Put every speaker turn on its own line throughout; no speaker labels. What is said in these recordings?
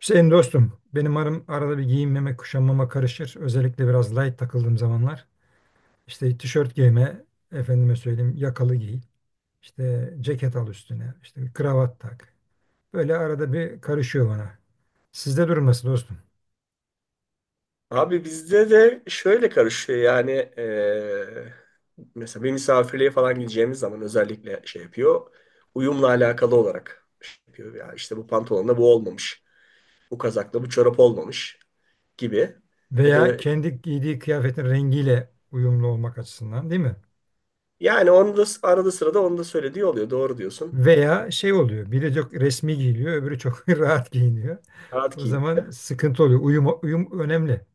Hüseyin dostum, benim arım arada bir giyinmeme, kuşanmama karışır. Özellikle biraz light takıldığım zamanlar. İşte tişört giyme, efendime söyleyeyim yakalı giy. İşte ceket al üstüne, işte bir kravat tak. Böyle arada bir karışıyor bana. Sizde durum nasıl dostum?
Abi bizde de şöyle karışıyor yani eee, mesela bir misafirliğe falan gideceğimiz zaman özellikle şey yapıyor. Uyumla alakalı olarak şey yapıyor. Ya işte bu pantolonla bu olmamış. Bu kazakla bu çorap olmamış gibi. Ya
Veya
da
kendi giydiği kıyafetin rengiyle uyumlu olmak açısından değil mi?
yani onu da arada sırada onu da söylediği oluyor. Doğru diyorsun.
Veya şey oluyor, biri çok resmi giyiliyor, öbürü çok rahat giyiniyor.
Rahat
O
giyin.
zaman sıkıntı oluyor. Uyum önemli.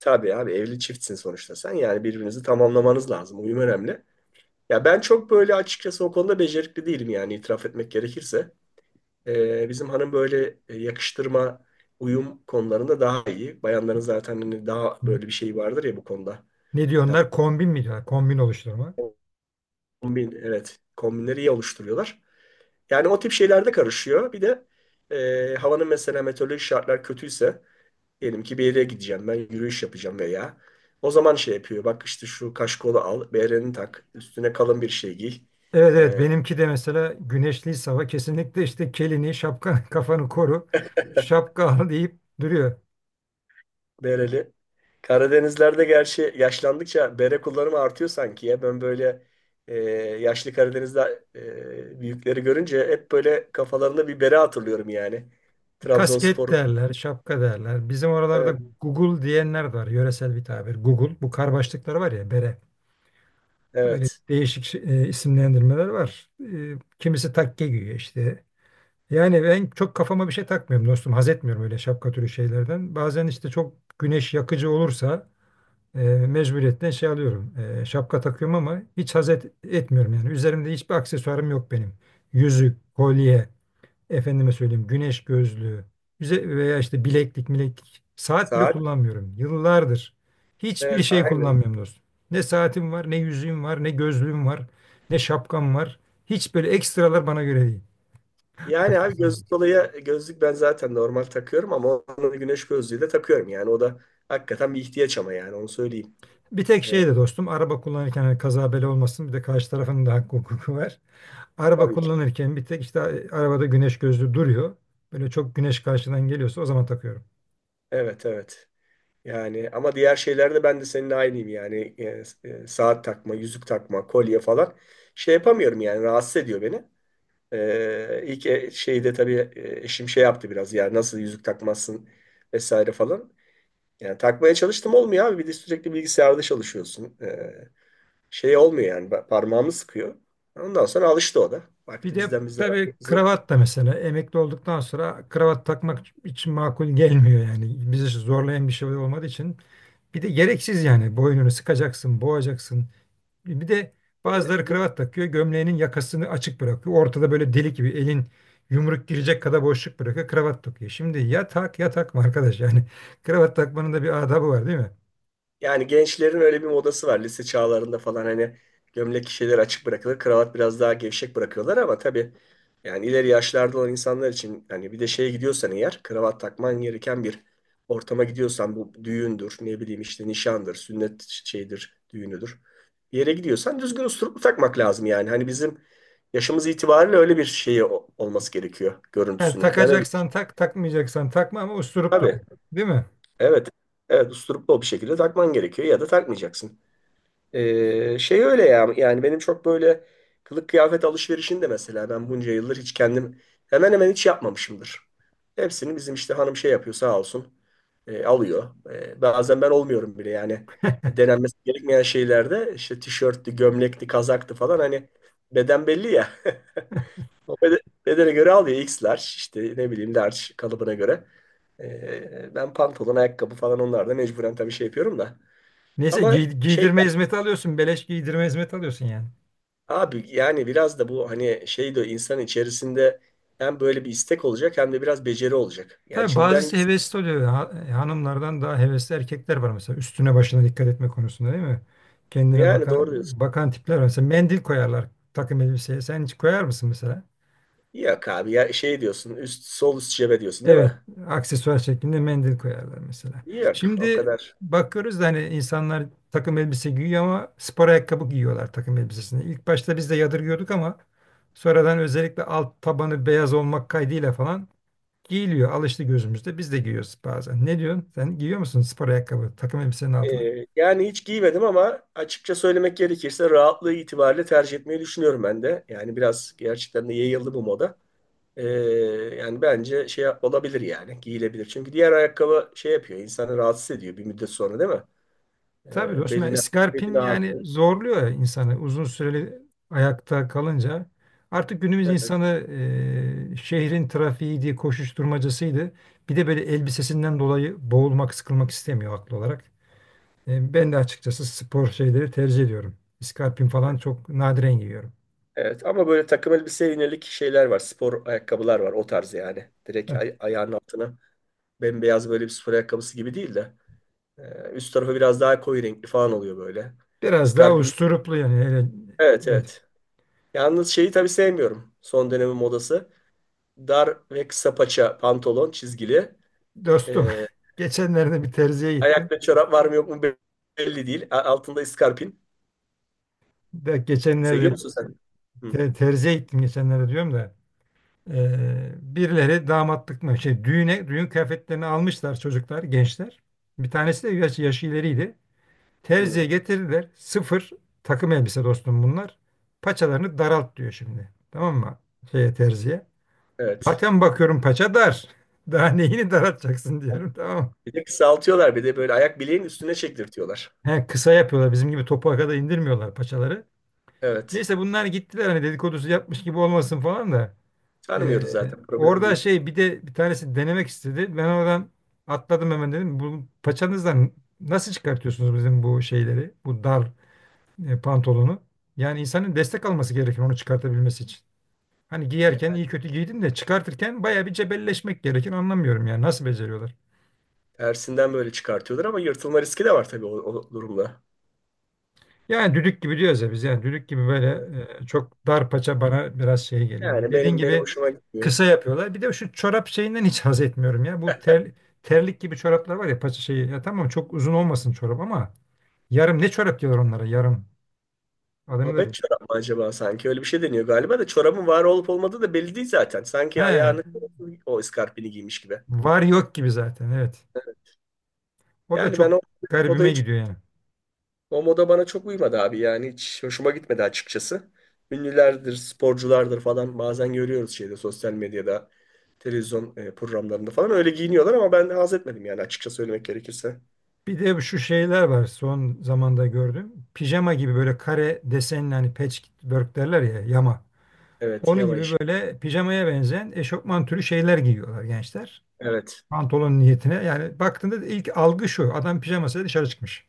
Tabii abi evli çiftsin sonuçta sen. Yani birbirinizi tamamlamanız lazım. Uyum önemli. Ya ben çok böyle açıkçası o konuda becerikli değilim yani itiraf etmek gerekirse. Bizim hanım böyle yakıştırma, uyum konularında daha iyi. Bayanların zaten hani daha böyle bir şey vardır ya bu konuda.
Ne
Ya,
diyorlar? Kombin mi diyorlar? Kombin oluşturma.
kombin, evet, kombinleri iyi oluşturuyorlar. Yani o tip şeylerde karışıyor. Bir de havanın mesela meteorolojik şartlar kötüyse, diyelim ki bir yere gideceğim ben yürüyüş yapacağım veya o zaman şey yapıyor. Bak işte şu kaşkolu al, bereni tak, üstüne kalın bir şey giy.
Evet, evet, benimki de mesela güneşli hava kesinlikle işte kelini şapka kafanı koru şapka al deyip duruyor.
Bereli. Karadenizlerde gerçi yaşlandıkça bere kullanımı artıyor sanki ya. Ben böyle e, yaşlı Karadeniz'de büyükleri görünce hep böyle kafalarında bir bere hatırlıyorum yani.
Kasket
Trabzonspor.
derler şapka derler. Bizim oralarda
Evet.
Google diyenler de var, yöresel bir tabir Google, bu kar başlıkları var ya bere, öyle
Evet.
değişik şey- e, isimlendirmeler var. E, kimisi takke giyiyor işte. Yani ben çok kafama bir şey takmıyorum dostum, haz etmiyorum öyle şapka türü şeylerden. Bazen işte çok güneş yakıcı olursa e, mecburiyetten şey alıyorum. E, şapka takıyorum ama hiç haz etmiyorum yani. Üzerimde hiçbir aksesuarım yok benim. Yüzük, kolye, efendime söyleyeyim güneş gözlüğü veya işte bileklik, mileklik. Saat bile
Saat.
kullanmıyorum. Yıllardır hiçbir
Evet,
şey
aynen.
kullanmıyorum dostum. Ne saatim var, ne yüzüğüm var, ne gözlüğüm var, ne şapkam var. Hiç böyle ekstralar bana göre değil.
Yani abi
Aksesuar.
gözlük dolayı gözlük ben zaten normal takıyorum ama onun güneş gözlüğü de takıyorum yani. O da hakikaten bir ihtiyaç ama yani onu söyleyeyim.
Bir tek
E,
şey de dostum, araba kullanırken hani kaza bela olmasın, bir de karşı tarafın da hakkı hukuku var. Araba
tabii ki.
kullanırken bir tek işte arabada güneş gözlüğü duruyor. Böyle çok güneş karşıdan geliyorsa o zaman takıyorum.
Evet, evet. Yani ama diğer şeylerde ben de seninle aynıyım yani E, saat takma, yüzük takma, kolye falan şey yapamıyorum yani rahatsız ediyor beni. E, şeyde tabii eşim şey yaptı biraz ya nasıl yüzük takmazsın vesaire falan. Yani takmaya çalıştım olmuyor abi bir de sürekli bilgisayarda çalışıyorsun. E, şey olmuyor yani parmağımı sıkıyor. Ondan sonra alıştı o da.
Bir
Baktı
de
bizden bizler.
tabii kravat da mesela emekli olduktan sonra kravat takmak için makul gelmiyor yani. Bizi zorlayan bir şey olmadığı için. Bir de gereksiz yani, boynunu sıkacaksın, boğacaksın. Bir de bazıları kravat takıyor, gömleğinin yakasını açık bırakıyor. Ortada böyle delik gibi elin yumruk girecek kadar boşluk bırakıyor, kravat takıyor. Şimdi ya tak ya takma arkadaş yani kravat takmanın da bir adabı var değil mi?
Yani gençlerin öyle bir modası var lise çağlarında falan hani gömlek şeyler açık bırakılır, kravat biraz daha gevşek bırakıyorlar ama tabii yani ileri yaşlarda olan insanlar için hani bir de şeye gidiyorsan eğer kravat takman gereken bir ortama gidiyorsan bu düğündür, ne bileyim işte nişandır, sünnet şeydir, düğünüdür. Bir yere gidiyorsan düzgün usturup takmak lazım yani. Hani bizim yaşımız itibariyle öyle bir şeyi olması gerekiyor
Yani
görüntüsünün. Ben öyle
takacaksan
düşünüyorum.
tak, takmayacaksan takma ama usturup tut.
Tabii.
Değil mi?
Evet. Evet, usturuplu bir şekilde takman gerekiyor ya da takmayacaksın. Şey öyle ya yani benim çok böyle kılık kıyafet alışverişini de mesela ben bunca yıldır hiç kendim hemen hemen hiç yapmamışımdır. Hepsini bizim işte hanım şey yapıyor sağ olsun alıyor. E, bazen ben olmuyorum bile yani denenmesi gerekmeyen şeylerde işte tişörttü, gömlekti, kazaktı falan hani beden belli ya. O bedene göre alıyor X large işte ne bileyim large kalıbına göre. E, ben pantolon, ayakkabı falan onlarda mecburen tabii şey yapıyorum da.
Neyse,
Ama şey,
giydirme hizmeti alıyorsun. Beleş giydirme hizmeti alıyorsun yani.
abi yani biraz da bu hani şey de insan içerisinde hem böyle bir istek olacak hem de biraz beceri olacak. Yani
Tabii
şimdi ben
bazısı hevesli oluyor. Hanımlardan daha hevesli erkekler var mesela. Üstüne başına dikkat etme konusunda değil mi? Kendine
yani
bakan
doğru diyorsun.
bakan tipler var.
Evet.
Mesela mendil koyarlar takım elbiseye. Sen hiç koyar mısın mesela?
Yok abi ya şey diyorsun üst sol üst cebe diyorsun değil
Evet,
mi?
aksesuar şeklinde mendil koyarlar mesela.
Yok o
Şimdi
kadar.
bakıyoruz da hani insanlar takım elbise giyiyor ama spor ayakkabı giyiyorlar takım elbisesine. İlk başta biz de yadırgıyorduk ama sonradan özellikle alt tabanı beyaz olmak kaydıyla falan giyiliyor. Alıştı gözümüzde. Biz de giyiyoruz bazen. Ne diyorsun? Sen giyiyor musun spor ayakkabı takım elbisenin altına?
Yani hiç giymedim ama açıkça söylemek gerekirse rahatlığı itibariyle tercih etmeyi düşünüyorum ben de. Yani biraz gerçekten de yayıldı bu moda. Ee, Yani bence olabilir yani giyilebilir. Çünkü diğer ayakkabı şey yapıyor insanı rahatsız ediyor bir müddet sonra değil mi?
Tabii
E,
dostum, yani
beline, Beline
iskarpin yani
ağrıtır.
zorluyor ya insanı uzun süreli ayakta kalınca. Artık günümüz
Evet.
insanı şehrin trafiğiydi, koşuşturmacasıydı. Bir de böyle elbisesinden dolayı boğulmak, sıkılmak istemiyor haklı olarak. E, ben de açıkçası spor şeyleri tercih ediyorum. İskarpin falan çok nadiren giyiyorum.
Evet. Ama böyle takım elbiseye yönelik şeyler var. Spor ayakkabılar var. O tarz yani.
Ha,
Direkt ayağının altına bembeyaz böyle bir spor ayakkabısı gibi değil de. Üst tarafı biraz daha koyu renkli falan oluyor böyle.
biraz daha
Scarping.
usturuplu yani. Hele,
Evet,
evet
evet. Yalnız şeyi tabii sevmiyorum. Son dönemin modası. Dar ve kısa paça pantolon çizgili.
dostum,
E,
geçenlerde bir terziye gittim.
ayakta çorap var mı yok mu belli değil. Altında iskarpin.
De,
Seviyor
geçenlerde
musun sen? Hı,
terziye gittim geçenlerde diyorum da. Birileri damatlık mı şey düğüne düğün kıyafetlerini almışlar, çocuklar gençler. Bir tanesi de yaşı ileriydi.
hı.
Terziye getirdiler. Sıfır takım elbise dostum bunlar. Paçalarını daralt diyor şimdi. Tamam mı? Şeye, terziye.
Evet.
Zaten bakıyorum paça dar. Daha neyini daraltacaksın diyorum, tamam mı?
Bir de kısaltıyorlar. Bir de böyle ayak bileğin üstüne çektirtiyorlar.
He, kısa yapıyorlar. Bizim gibi topuğa kadar indirmiyorlar paçaları.
Evet.
Neyse, bunlar gittiler, hani dedikodusu yapmış gibi olmasın falan da.
Tanımıyoruz zaten. Problem
Orada
değil.
şey, bir de bir tanesi denemek istedi. Ben oradan atladım hemen dedim. Bu paçanızdan nasıl çıkartıyorsunuz bizim bu şeyleri? Bu dar pantolonu. Yani insanın destek alması gerekir onu çıkartabilmesi için. Hani
Yani
giyerken iyi kötü giydin de çıkartırken baya bir cebelleşmek gerekir. Anlamıyorum yani nasıl beceriyorlar?
tersinden böyle çıkartıyorlar ama yırtılma riski de var tabii o durumda.
Yani düdük gibi diyoruz ya biz, yani düdük gibi böyle,
Evet.
çok dar paça bana biraz şey geliyor.
Yani
Dediğin
benim
gibi
hoşuma gitmiyor.
kısa yapıyorlar. Bir de şu çorap şeyinden hiç haz etmiyorum ya. Terlik gibi çoraplar var ya paça şeyi. Ya tamam çok uzun olmasın çorap ama yarım, ne çorap diyorlar onlara, yarım. Adını da
Babet
bilmiyorum.
çorap mı acaba sanki? Öyle bir şey deniyor galiba da çorabın var olup olmadığı da belli değil zaten. Sanki ayağını
He,
o iskarpini giymiş gibi.
var yok gibi zaten, evet. O da
Yani ben
çok
o
garibime
odayı
gidiyor yani.
O moda bana çok uymadı abi yani hiç hoşuma gitmedi açıkçası. Ünlülerdir, sporculardır falan bazen görüyoruz şeyde sosyal medyada, televizyon programlarında falan öyle giyiniyorlar ama ben haz etmedim yani açıkça söylemek gerekirse.
Bir de şu şeyler var son zamanda gördüm. Pijama gibi böyle kare desenli, hani patchwork derler ya, yama.
Evet,
Onun
yama
gibi
iş.
böyle pijamaya benzeyen eşofman türü şeyler giyiyorlar gençler.
Evet.
Pantolon niyetine, yani baktığında ilk algı, şu adam pijamasıyla dışarı çıkmış.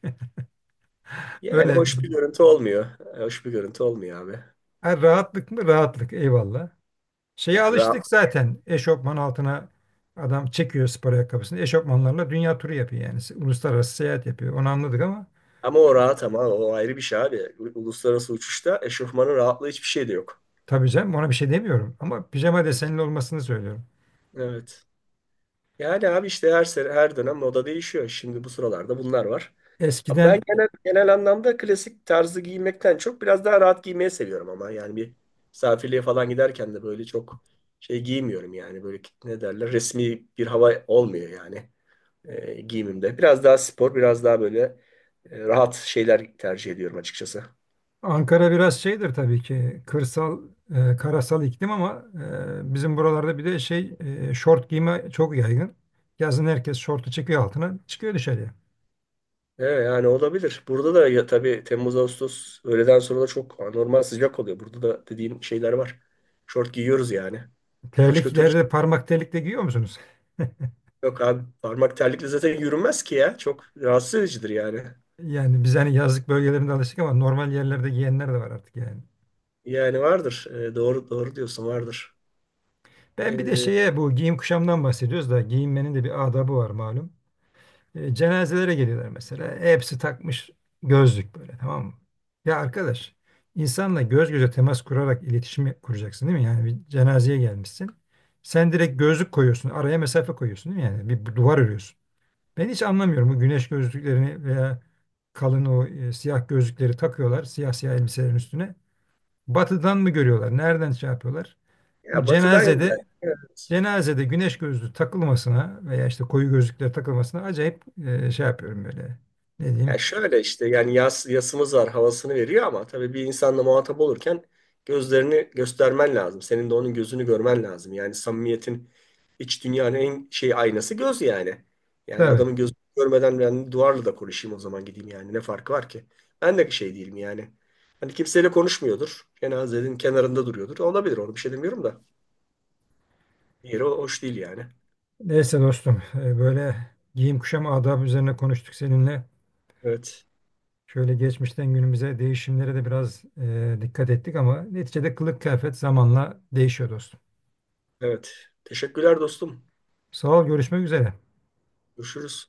Yani
Öyle.
hoş bir görüntü olmuyor. E, hoş bir görüntü olmuyor abi.
Ha, rahatlık mı? Rahatlık. Eyvallah. Şeye
Ya rahat.
alıştık zaten. Eşofman altına adam çekiyor spor ayakkabısını. Eşofmanlarla dünya turu yapıyor yani. Uluslararası seyahat yapıyor. Onu anladık ama
Ama o rahat ama o ayrı bir şey abi. Uluslararası uçuşta eşofmanın rahatlığı hiçbir şey de yok.
tabii canım, ona bir şey demiyorum. Ama pijama
Evet.
desenli olmasını söylüyorum.
Evet. Yani abi işte her sene, her dönem moda değişiyor. Şimdi bu sıralarda bunlar var. Ama ben
Eskiden
genel anlamda klasik tarzı giymekten çok biraz daha rahat giymeyi seviyorum ama yani bir misafirliğe falan giderken de böyle çok şey giymiyorum yani böyle ne derler resmi bir hava olmuyor yani giyimimde. Biraz daha spor, biraz daha böyle rahat şeyler tercih ediyorum açıkçası.
Ankara biraz şeydir tabii ki, kırsal, e, karasal iklim ama e, bizim buralarda bir de şey, şort giyme çok yaygın. Yazın herkes şortu çıkıyor altına, çıkıyor dışarıya.
Evet, yani olabilir. Burada da ya, tabii Temmuz Ağustos öğleden sonra da çok anormal sıcak oluyor. Burada da dediğin şeyler var. Şort giyiyoruz yani. Başka türlü şey
Terliklerde parmak terlik de giyiyor musunuz?
yok abi. Parmak terlikle zaten yürünmez ki ya. Çok rahatsız edicidir yani.
Yani biz hani yazlık bölgelerinde alıştık ama normal yerlerde giyenler de var artık yani.
Yani vardır. Doğru, doğru diyorsun vardır.
Ben bir de
Ee,
şeye, bu giyim kuşamdan bahsediyoruz da, giyinmenin de bir adabı var malum. E, cenazelere geliyorlar mesela. E, Hepsi takmış gözlük, böyle, tamam mı? Ya arkadaş, insanla göz göze temas kurarak iletişim kuracaksın değil mi? Yani bir cenazeye gelmişsin. Sen direkt gözlük koyuyorsun. Araya mesafe koyuyorsun değil mi? Yani bir duvar örüyorsun. Ben hiç anlamıyorum bu güneş gözlüklerini veya kalın o, siyah gözlükleri takıyorlar. Siyah siyah elbiselerin üstüne. Batıdan mı görüyorlar? Nereden şey yapıyorlar? Bu
ya batıdan
cenazede,
evet.
cenazede güneş gözlüğü takılmasına veya işte koyu gözlükler takılmasına acayip şey yapıyorum böyle. Ne
Ya
diyeyim?
şöyle işte yani yasımız var havasını veriyor ama tabii bir insanla muhatap olurken gözlerini göstermen lazım. Senin de onun gözünü görmen lazım. Yani samimiyetin iç dünyanın en şey aynası göz yani. Yani
Tabii.
adamın gözünü görmeden ben duvarla da konuşayım o zaman gideyim yani ne farkı var ki? Ben de şey değilim yani. Hani kimseyle konuşmuyordur. Cenazenin kenarında duruyordur. Olabilir onu bir şey demiyorum da. Yeri hoş değil yani.
Neyse dostum, e, böyle giyim kuşam adabı üzerine konuştuk seninle.
Evet.
Şöyle geçmişten günümüze değişimlere de biraz dikkat ettik ama neticede kılık kıyafet zamanla değişiyor dostum.
Evet. Teşekkürler dostum.
Sağ ol, görüşmek üzere.
Görüşürüz.